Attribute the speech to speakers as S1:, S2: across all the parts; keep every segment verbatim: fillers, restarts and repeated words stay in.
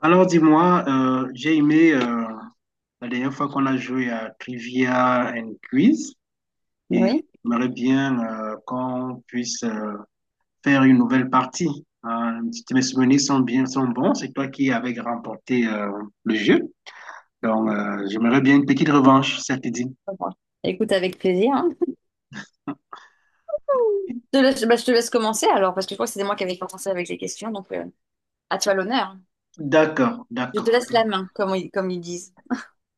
S1: Alors dis-moi, euh, j'ai aimé euh, la dernière fois qu'on a joué à Trivia and Quiz et
S2: Oui.
S1: j'aimerais bien euh, qu'on puisse euh, faire une nouvelle partie. Hein, si mes souvenirs sont bien, sont bons, c'est toi qui avais remporté euh, le jeu. Donc euh, j'aimerais bien une petite revanche, ça te dit?
S2: Bon, écoute avec plaisir, hein. Je te laisse, bah, je te laisse commencer alors, parce que je crois que c'était moi qui avais commencé avec les questions, donc euh, à toi l'honneur.
S1: D'accord,
S2: Je
S1: d'accord.
S2: te laisse la main, comme, ils- comme ils disent.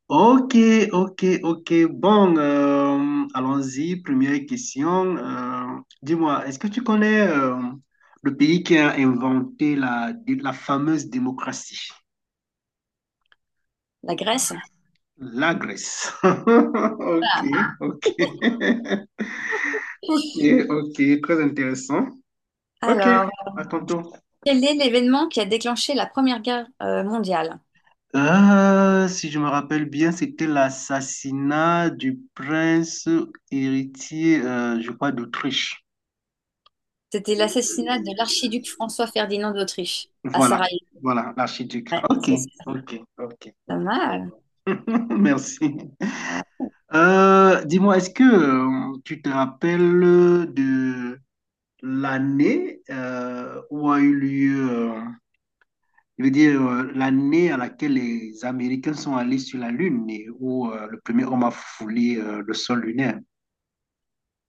S1: Ok, ok, ok. Bon, euh, allons-y. Première question. Euh, dis-moi, est-ce que tu connais euh, le pays qui a inventé la, la fameuse démocratie?
S2: La Grèce.
S1: La Grèce. Ok,
S2: Voilà.
S1: ok. Ok, ok. Très intéressant. Ok,
S2: Alors,
S1: à ton tour.
S2: quel est l'événement qui a déclenché la Première Guerre euh, mondiale?
S1: Euh, si je me rappelle bien, c'était l'assassinat du prince héritier, euh, je crois, d'Autriche.
S2: C'était l'assassinat de l'archiduc François-Ferdinand d'Autriche à
S1: Voilà,
S2: Sarajevo.
S1: voilà, l'archiduc.
S2: Ouais,
S1: Ok,
S2: c'est c'est
S1: ok, ok,
S2: pas
S1: ok, c'est
S2: mal.
S1: bon. Merci. Euh, dis-moi, est-ce que euh, tu te rappelles de l'année euh, où a eu lieu, euh, je veux dire, euh, l'année à laquelle les Américains sont allés sur la Lune et où euh, le premier homme a foulé euh, le sol lunaire,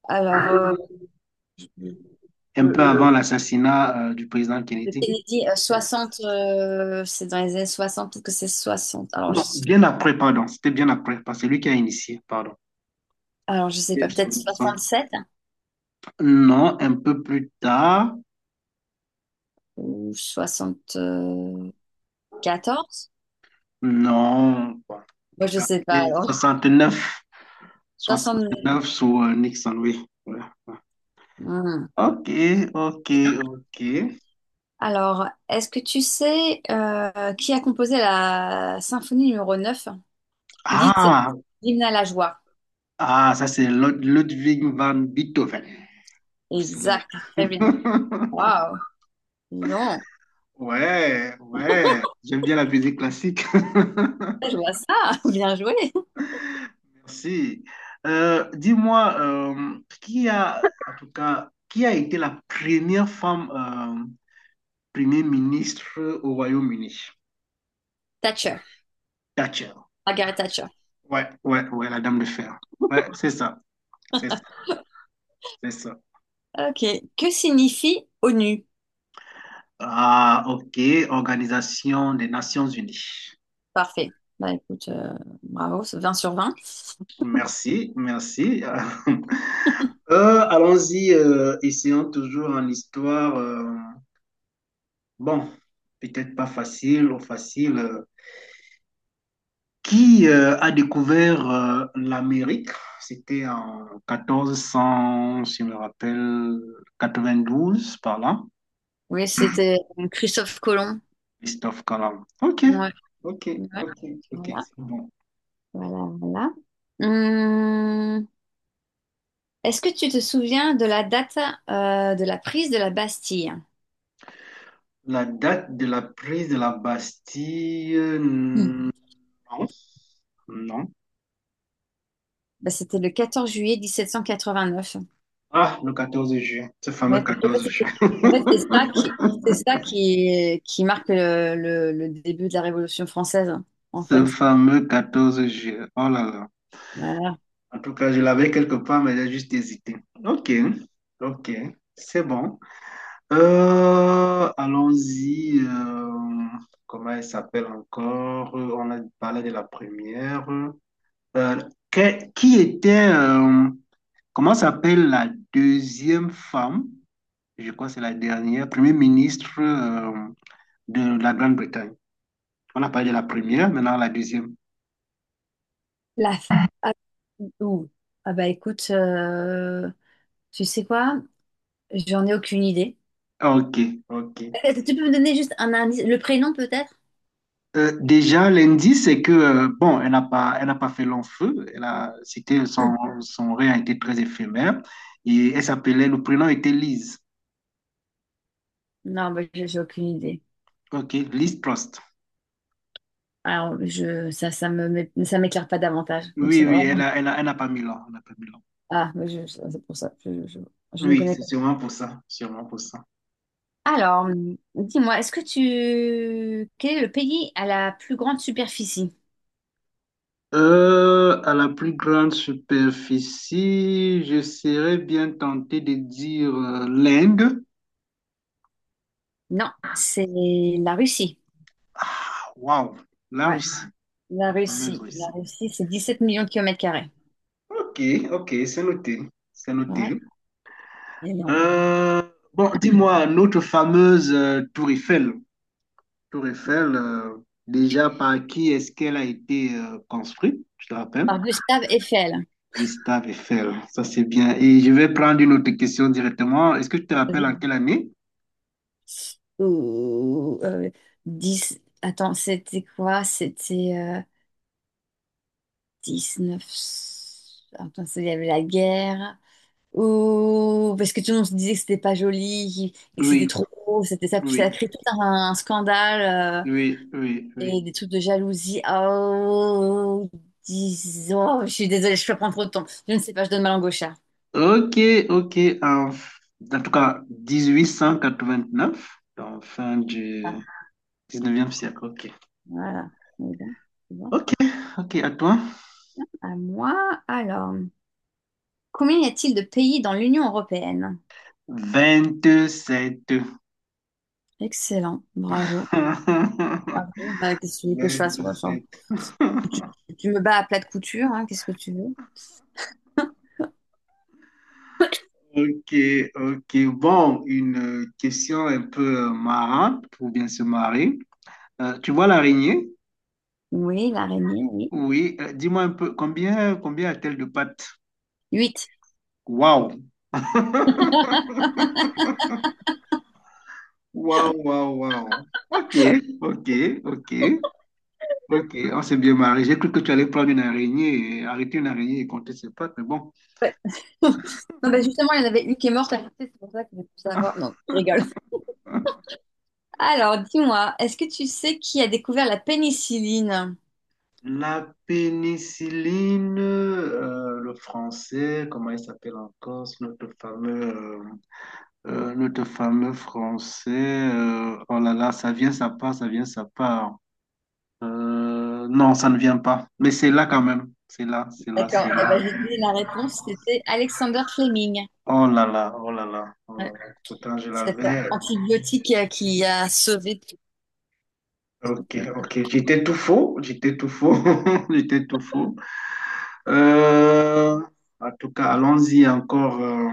S2: Alors, euh,
S1: un
S2: le
S1: peu avant Euh, l'assassinat euh, du président
S2: le
S1: Kennedy?
S2: Kennedy, euh, soixante, euh, c'est dans les années soixante, peut-être que c'est soixante. Alors, je,
S1: Non, bien après, pardon, c'était bien après, parce que c'est lui qui a initié, pardon.
S2: alors, je sais pas, peut-être soixante-sept.
S1: Non, un peu plus tard.
S2: Ou soixante-quatorze?
S1: Non, bon, en
S2: Moi,
S1: tout
S2: je
S1: cas,
S2: sais pas.
S1: c'est
S2: Alors,
S1: soixante neuf,
S2: soixante...
S1: sous euh, Nixon, oui. Voilà.
S2: Hmm,
S1: Ok, ok,
S2: bien.
S1: ok.
S2: Alors, est-ce que tu sais euh, qui a composé la symphonie numéro neuf dite
S1: Ah,
S2: Hymne à la joie?
S1: ah, ça c'est Lud- Ludwig van Beethoven. Le célèbre.
S2: Exact, très bien. Waouh, dis donc,
S1: Ouais, ouais. J'aime bien la musique classique.
S2: je vois ça, bien joué.
S1: Merci. Euh, dis-moi, euh, qui a, en tout cas, qui a été la première femme euh, premier ministre au Royaume-Uni.
S2: Thatcher,
S1: Thatcher.
S2: Margaret Thatcher.
S1: Ouais, ouais, ouais, la dame de fer. Ouais, c'est ça. C'est ça. C'est ça.
S2: Ok, que signifie ONU?
S1: Ah, ok. Organisation des Nations Unies.
S2: Parfait. Bah écoute, euh, bravo, c'est vingt sur vingt.
S1: Merci, merci. Euh, allons-y, euh, essayons toujours en histoire. Euh, bon, peut-être pas facile ou facile. euh. Qui euh, a découvert euh, l'Amérique? C'était en quatorze cent, si je me rappelle, quatre-vingt-douze par là.
S2: Oui, c'était euh, Christophe Colomb.
S1: Christophe Colomb. Ok,
S2: Ouais,
S1: ok,
S2: ouais.
S1: ok, ok,
S2: Voilà.
S1: c'est bon.
S2: Voilà, voilà. Hum, est-ce que tu te souviens de la date euh, de la prise de la Bastille?
S1: La date de la prise de la Bastille, euh,
S2: Hmm.
S1: non, non.
S2: Bah, c'était le quatorze juillet 1789.
S1: Ah, le quatorze juin, ce fameux
S2: Ouais, parce qu'en fait,
S1: quatorze juin.
S2: c'était- en fait, c'est ça qui, c'est ça qui, qui marque le, le- le début de la Révolution française, en
S1: Ce
S2: fait.
S1: fameux quatorze juin. Oh là là.
S2: Voilà.
S1: En tout cas, je l'avais quelque part, mais j'ai juste hésité. Ok, ok, c'est bon. Euh, allons-y. Euh, comment elle s'appelle encore? Euh, On a parlé de la première. Euh, que- qui était, euh, comment s'appelle la deuxième femme, je crois que c'est la dernière, Premier ministre euh, de la Grande-Bretagne. On a parlé de la première, maintenant la deuxième.
S2: La f- ah, ouh. Ah bah écoute, euh, tu sais quoi? J'en ai aucune idée.
S1: Ok, ok.
S2: Euh, Tu peux me donner juste un indice, le prénom peut-être?
S1: Euh, déjà, l'indice, c'est que, euh, bon, elle n'a pas, elle n'a pas fait long feu. Elle a, c'était, son, son règne a été très éphémère. Et elle s'appelait, le prénom était Liz.
S2: Non, bah, j'ai j'ai aucune idée.
S1: Ok, Liz Trust.
S2: Alors, je, ça, ça me, m'é- ça m'éclaire pas davantage. Donc,
S1: Oui,
S2: c'est
S1: oui,
S2: vraiment-
S1: elle a, elle a, elle n'a pas mis long. Elle n'a pas mis long.
S2: Ah, mais je- je- c'est pour ça. Je, je- je ne
S1: Oui,
S2: connais
S1: c'est
S2: pas.
S1: sûrement pour ça. Sûrement pour ça.
S2: Alors, hum, dis-moi, est-ce que tu... Quel est le pays à la plus grande superficie?
S1: Euh, à la plus grande superficie, je serais bien tenté de dire euh, l'Inde.
S2: Non, c'est la Russie.
S1: Ah, waouh, la
S2: Ouais,
S1: Russie,
S2: la
S1: la fameuse
S2: Russie.
S1: Russie.
S2: La Russie, c'est dix-sept millions de kilomètres carrés.
S1: Ok, ok, c'est noté, c'est
S2: Ouais,
S1: noté.
S2: énorme.
S1: Euh, bon, dis-moi, notre fameuse euh, Tour Eiffel. Tour Eiffel, euh, déjà par qui est-ce qu'elle a été euh, construite, je te rappelle?
S2: Par Gustave Eiffel.
S1: Gustave Eiffel, ça c'est bien. Et je vais prendre une autre question directement. Est-ce que tu te rappelles
S2: Vas-y.
S1: en quelle année?
S2: Ou, euh, dix... Attends, c'était quoi? C'était euh, neuf. Attends, il y avait la guerre. Ou parce que tout le monde se disait que c'était pas joli et que c'était
S1: Oui,
S2: trop gros, c'était ça, ça a
S1: oui.
S2: créé tout un, un scandale euh,
S1: Oui, oui, oui.
S2: et des trucs de jalousie. Oh, dis- oh, je suis désolée, je peux prendre trop de temps. Je ne sais pas, je donne ma langue au chat.
S1: Ok, ok. En, f- en tout cas, dix-huit cent quatre-vingt-neuf, donc fin du
S2: Ah,
S1: dix-neuvième siècle. Ok.
S2: voilà. Mais bon, c'est bon.
S1: Ok, ok, à toi.
S2: À moi, alors, combien y a-t-il de pays dans l'Union européenne?
S1: Vingt-sept.
S2: Excellent, bravo.
S1: Vingt-sept.
S2: Bravo. Bah, qu'est-ce que tu veux que je fasse? Moi, enfin, Tu, tu me bats à plat de couture, hein, qu'est-ce que tu veux?
S1: Ok, ok. Bon, une euh, question un peu euh, marrante pour bien se marrer. Euh, tu vois l'araignée?
S2: Oui, l'araignée, oui.
S1: Oui. Euh, dis-moi un peu, combien, combien a-t-elle de pattes?
S2: Huit.
S1: Waouh! Waouh, waouh, waouh. Ok, ok, ok, ok. On s'est bien marié. J'ai cru que tu allais prendre une araignée, et arrêter une araignée et compter ses pattes, mais bon.
S2: Ouais. Non, bah justement, il y en avait une qui est morte, c'est pour ça que je veux tout savoir. Non, je rigole.
S1: Hein?
S2: Alors, dis-moi, est-ce que tu sais qui a découvert la pénicilline?
S1: La pénicilline, euh, le français, comment il s'appelle encore, c'est notre fameux, euh, euh, notre fameux français. Euh, oh là là, ça vient, ça part, ça vient, ça part. Euh, non, ça ne vient pas. Mais c'est là quand même. C'est là, c'est là, c'est
S2: D'accord, eh ben,
S1: là.
S2: je vais te donner la réponse, c'était Alexander Fleming.
S1: Oh là là, oh là là, oh là
S2: Ouais.
S1: là. Pourtant, je
S2: Cet
S1: l'avais.
S2: antibiotique euh, qui a sauvé.
S1: Ok, ok. J'étais tout faux. J'étais tout faux. J'étais tout faux. Euh, En tout cas, allons-y encore. euh,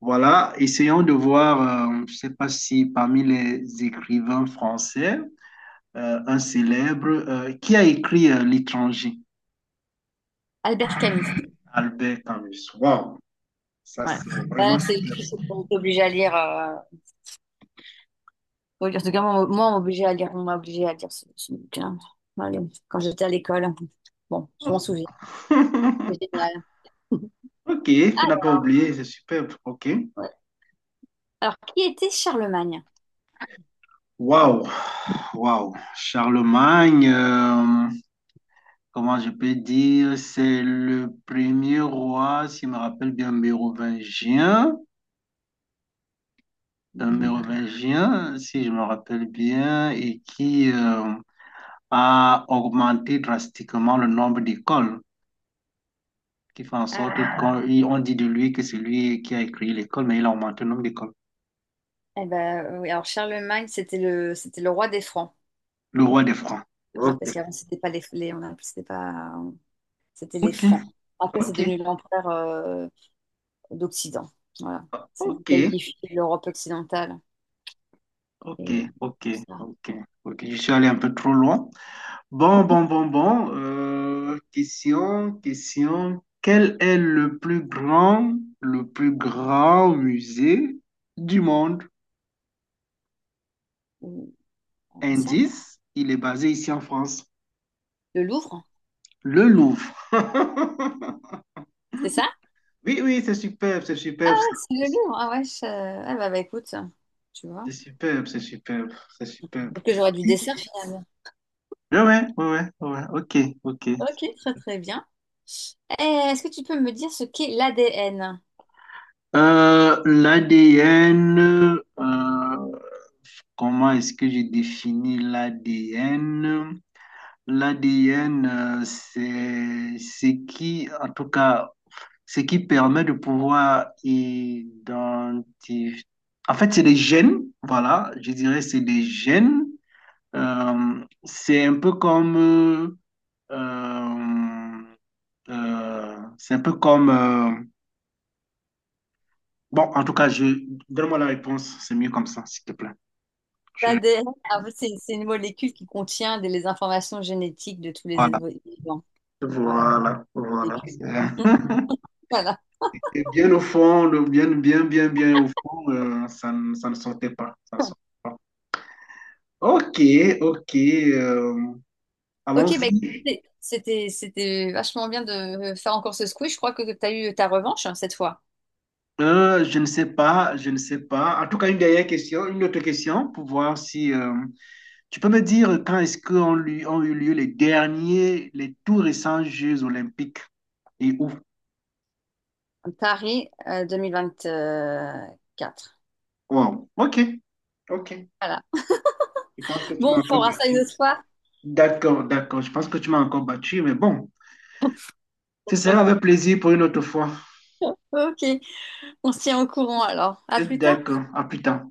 S1: Voilà. Essayons de voir, euh, je ne sais pas si parmi les écrivains français, euh, un célèbre, euh, qui a écrit euh, L'étranger?
S2: Albert Camus.
S1: Albert Camus. Waouh, ça
S2: Ouais.
S1: c'est vraiment
S2: Bah, c'est
S1: super
S2: on est obligé à lire. Euh, oui, en tout cas, moi, moi, on m'a obligé à lire, on m'a obligé à lire ce, ce bouquin. Allez, quand j'étais à l'école. Bon, je m'en souviens.
S1: ça.
S2: C'est génial.
S1: Ok, tu n'as pas oublié, c'est superbe. Ok.
S2: Alors, qui était Charlemagne?
S1: Waouh, waouh. Charlemagne. Euh, comment je peux dire, c'est le premier roi, si je me rappelle bien, mérovingien, un
S2: Mhm.
S1: mérovingien, si je me rappelle bien, et qui euh, a augmenté drastiquement le nombre d'écoles, qui fait en
S2: Ah,
S1: sorte qu'on il- on dit de lui que c'est lui qui a écrit l'école, mais il a augmenté le nombre d'écoles.
S2: eh ben, euh, oui, alors Charlemagne, c'était le, c'était le roi des Francs.
S1: Le roi des Francs.
S2: Ouais,
S1: Ok,
S2: parce qu'avant, c'était pas les, les- on appelait- c'était pas, c'était les
S1: ok,
S2: Francs. Après, c'est
S1: ok,
S2: devenu l'empereur euh, d'Occident. Voilà. C'est lui
S1: ok,
S2: qui a unifié l'Europe occidentale.
S1: ok,
S2: Et
S1: ok,
S2: ça,
S1: ok, ok. Je suis allé un peu trop loin. Bon, bon, bon, bon. Euh, question, question. Quel est le plus grand, le plus grand musée du monde?
S2: ou- ça,
S1: Indice, il est basé ici en France,
S2: le Louvre,
S1: le Louvre.
S2: c'est ça?
S1: Oui, oui, c'est superbe, c'est
S2: Ouais,
S1: superbe,
S2: c'est le
S1: c'est
S2: Louvre. Ah ouais, je- ah bah, bah, écoute, tu vois.
S1: c'est superbe, c'est superbe, c'est superbe.
S2: Peut-être que j'aurais du dessert finalement.
S1: Ouais, ouais, ouais, ouais, ouais, ok, ok.
S2: Ok, très très bien. Eh, est-ce que tu peux me dire ce qu'est l'A D N?
S1: Euh, L'A D N, euh, comment est-ce que je définis l'A D N? L'A D N, euh, c'est ce qui, en tout cas, ce qui permet de pouvoir identifier. En fait, c'est des gènes, voilà, je dirais c'est des gènes. Euh, c'est un peu comme, euh, euh, euh, c'est un peu comme, euh, bon, en tout cas, je, donne-moi la réponse, c'est mieux comme ça, s'il te plaît. Je-
S2: L'A D N, ah, c'est c'est une molécule qui contient des- les informations génétiques de tous les
S1: voilà,
S2: êtres vivants. Voilà,
S1: voilà, voilà.
S2: vécu.
S1: C'est un.
S2: Voilà.
S1: Et bien au fond, le- bien, bien, bien, bien au fond, euh, ça, ne ça ne sortait pas. Ça ne sortait pas. Ok, ok. Euh,
S2: Ok, bah,
S1: allons-y.
S2: écoutez, c'était c'était vachement bien de faire encore ce squiz. Je crois que tu as eu ta revanche, hein, cette fois.
S1: Euh, je ne sais pas, je ne sais pas. En tout cas, une dernière question, une autre question pour voir si euh, tu peux me dire quand est-ce qu'on lui, ont eu lieu les derniers, les tout récents Jeux olympiques et où?
S2: Paris euh, deux mille vingt-quatre.
S1: Wow. Ok, ok.
S2: Voilà.
S1: Tu
S2: Bon,
S1: m'as
S2: on
S1: encore
S2: fera ça une
S1: battu.
S2: autre fois.
S1: D'accord, d'accord. Je pense que tu m'as encore battu, mais bon, ce sera avec plaisir pour une autre fois.
S2: Ok, on se tient au courant alors. À plus tard.
S1: D'accord, à plus tard.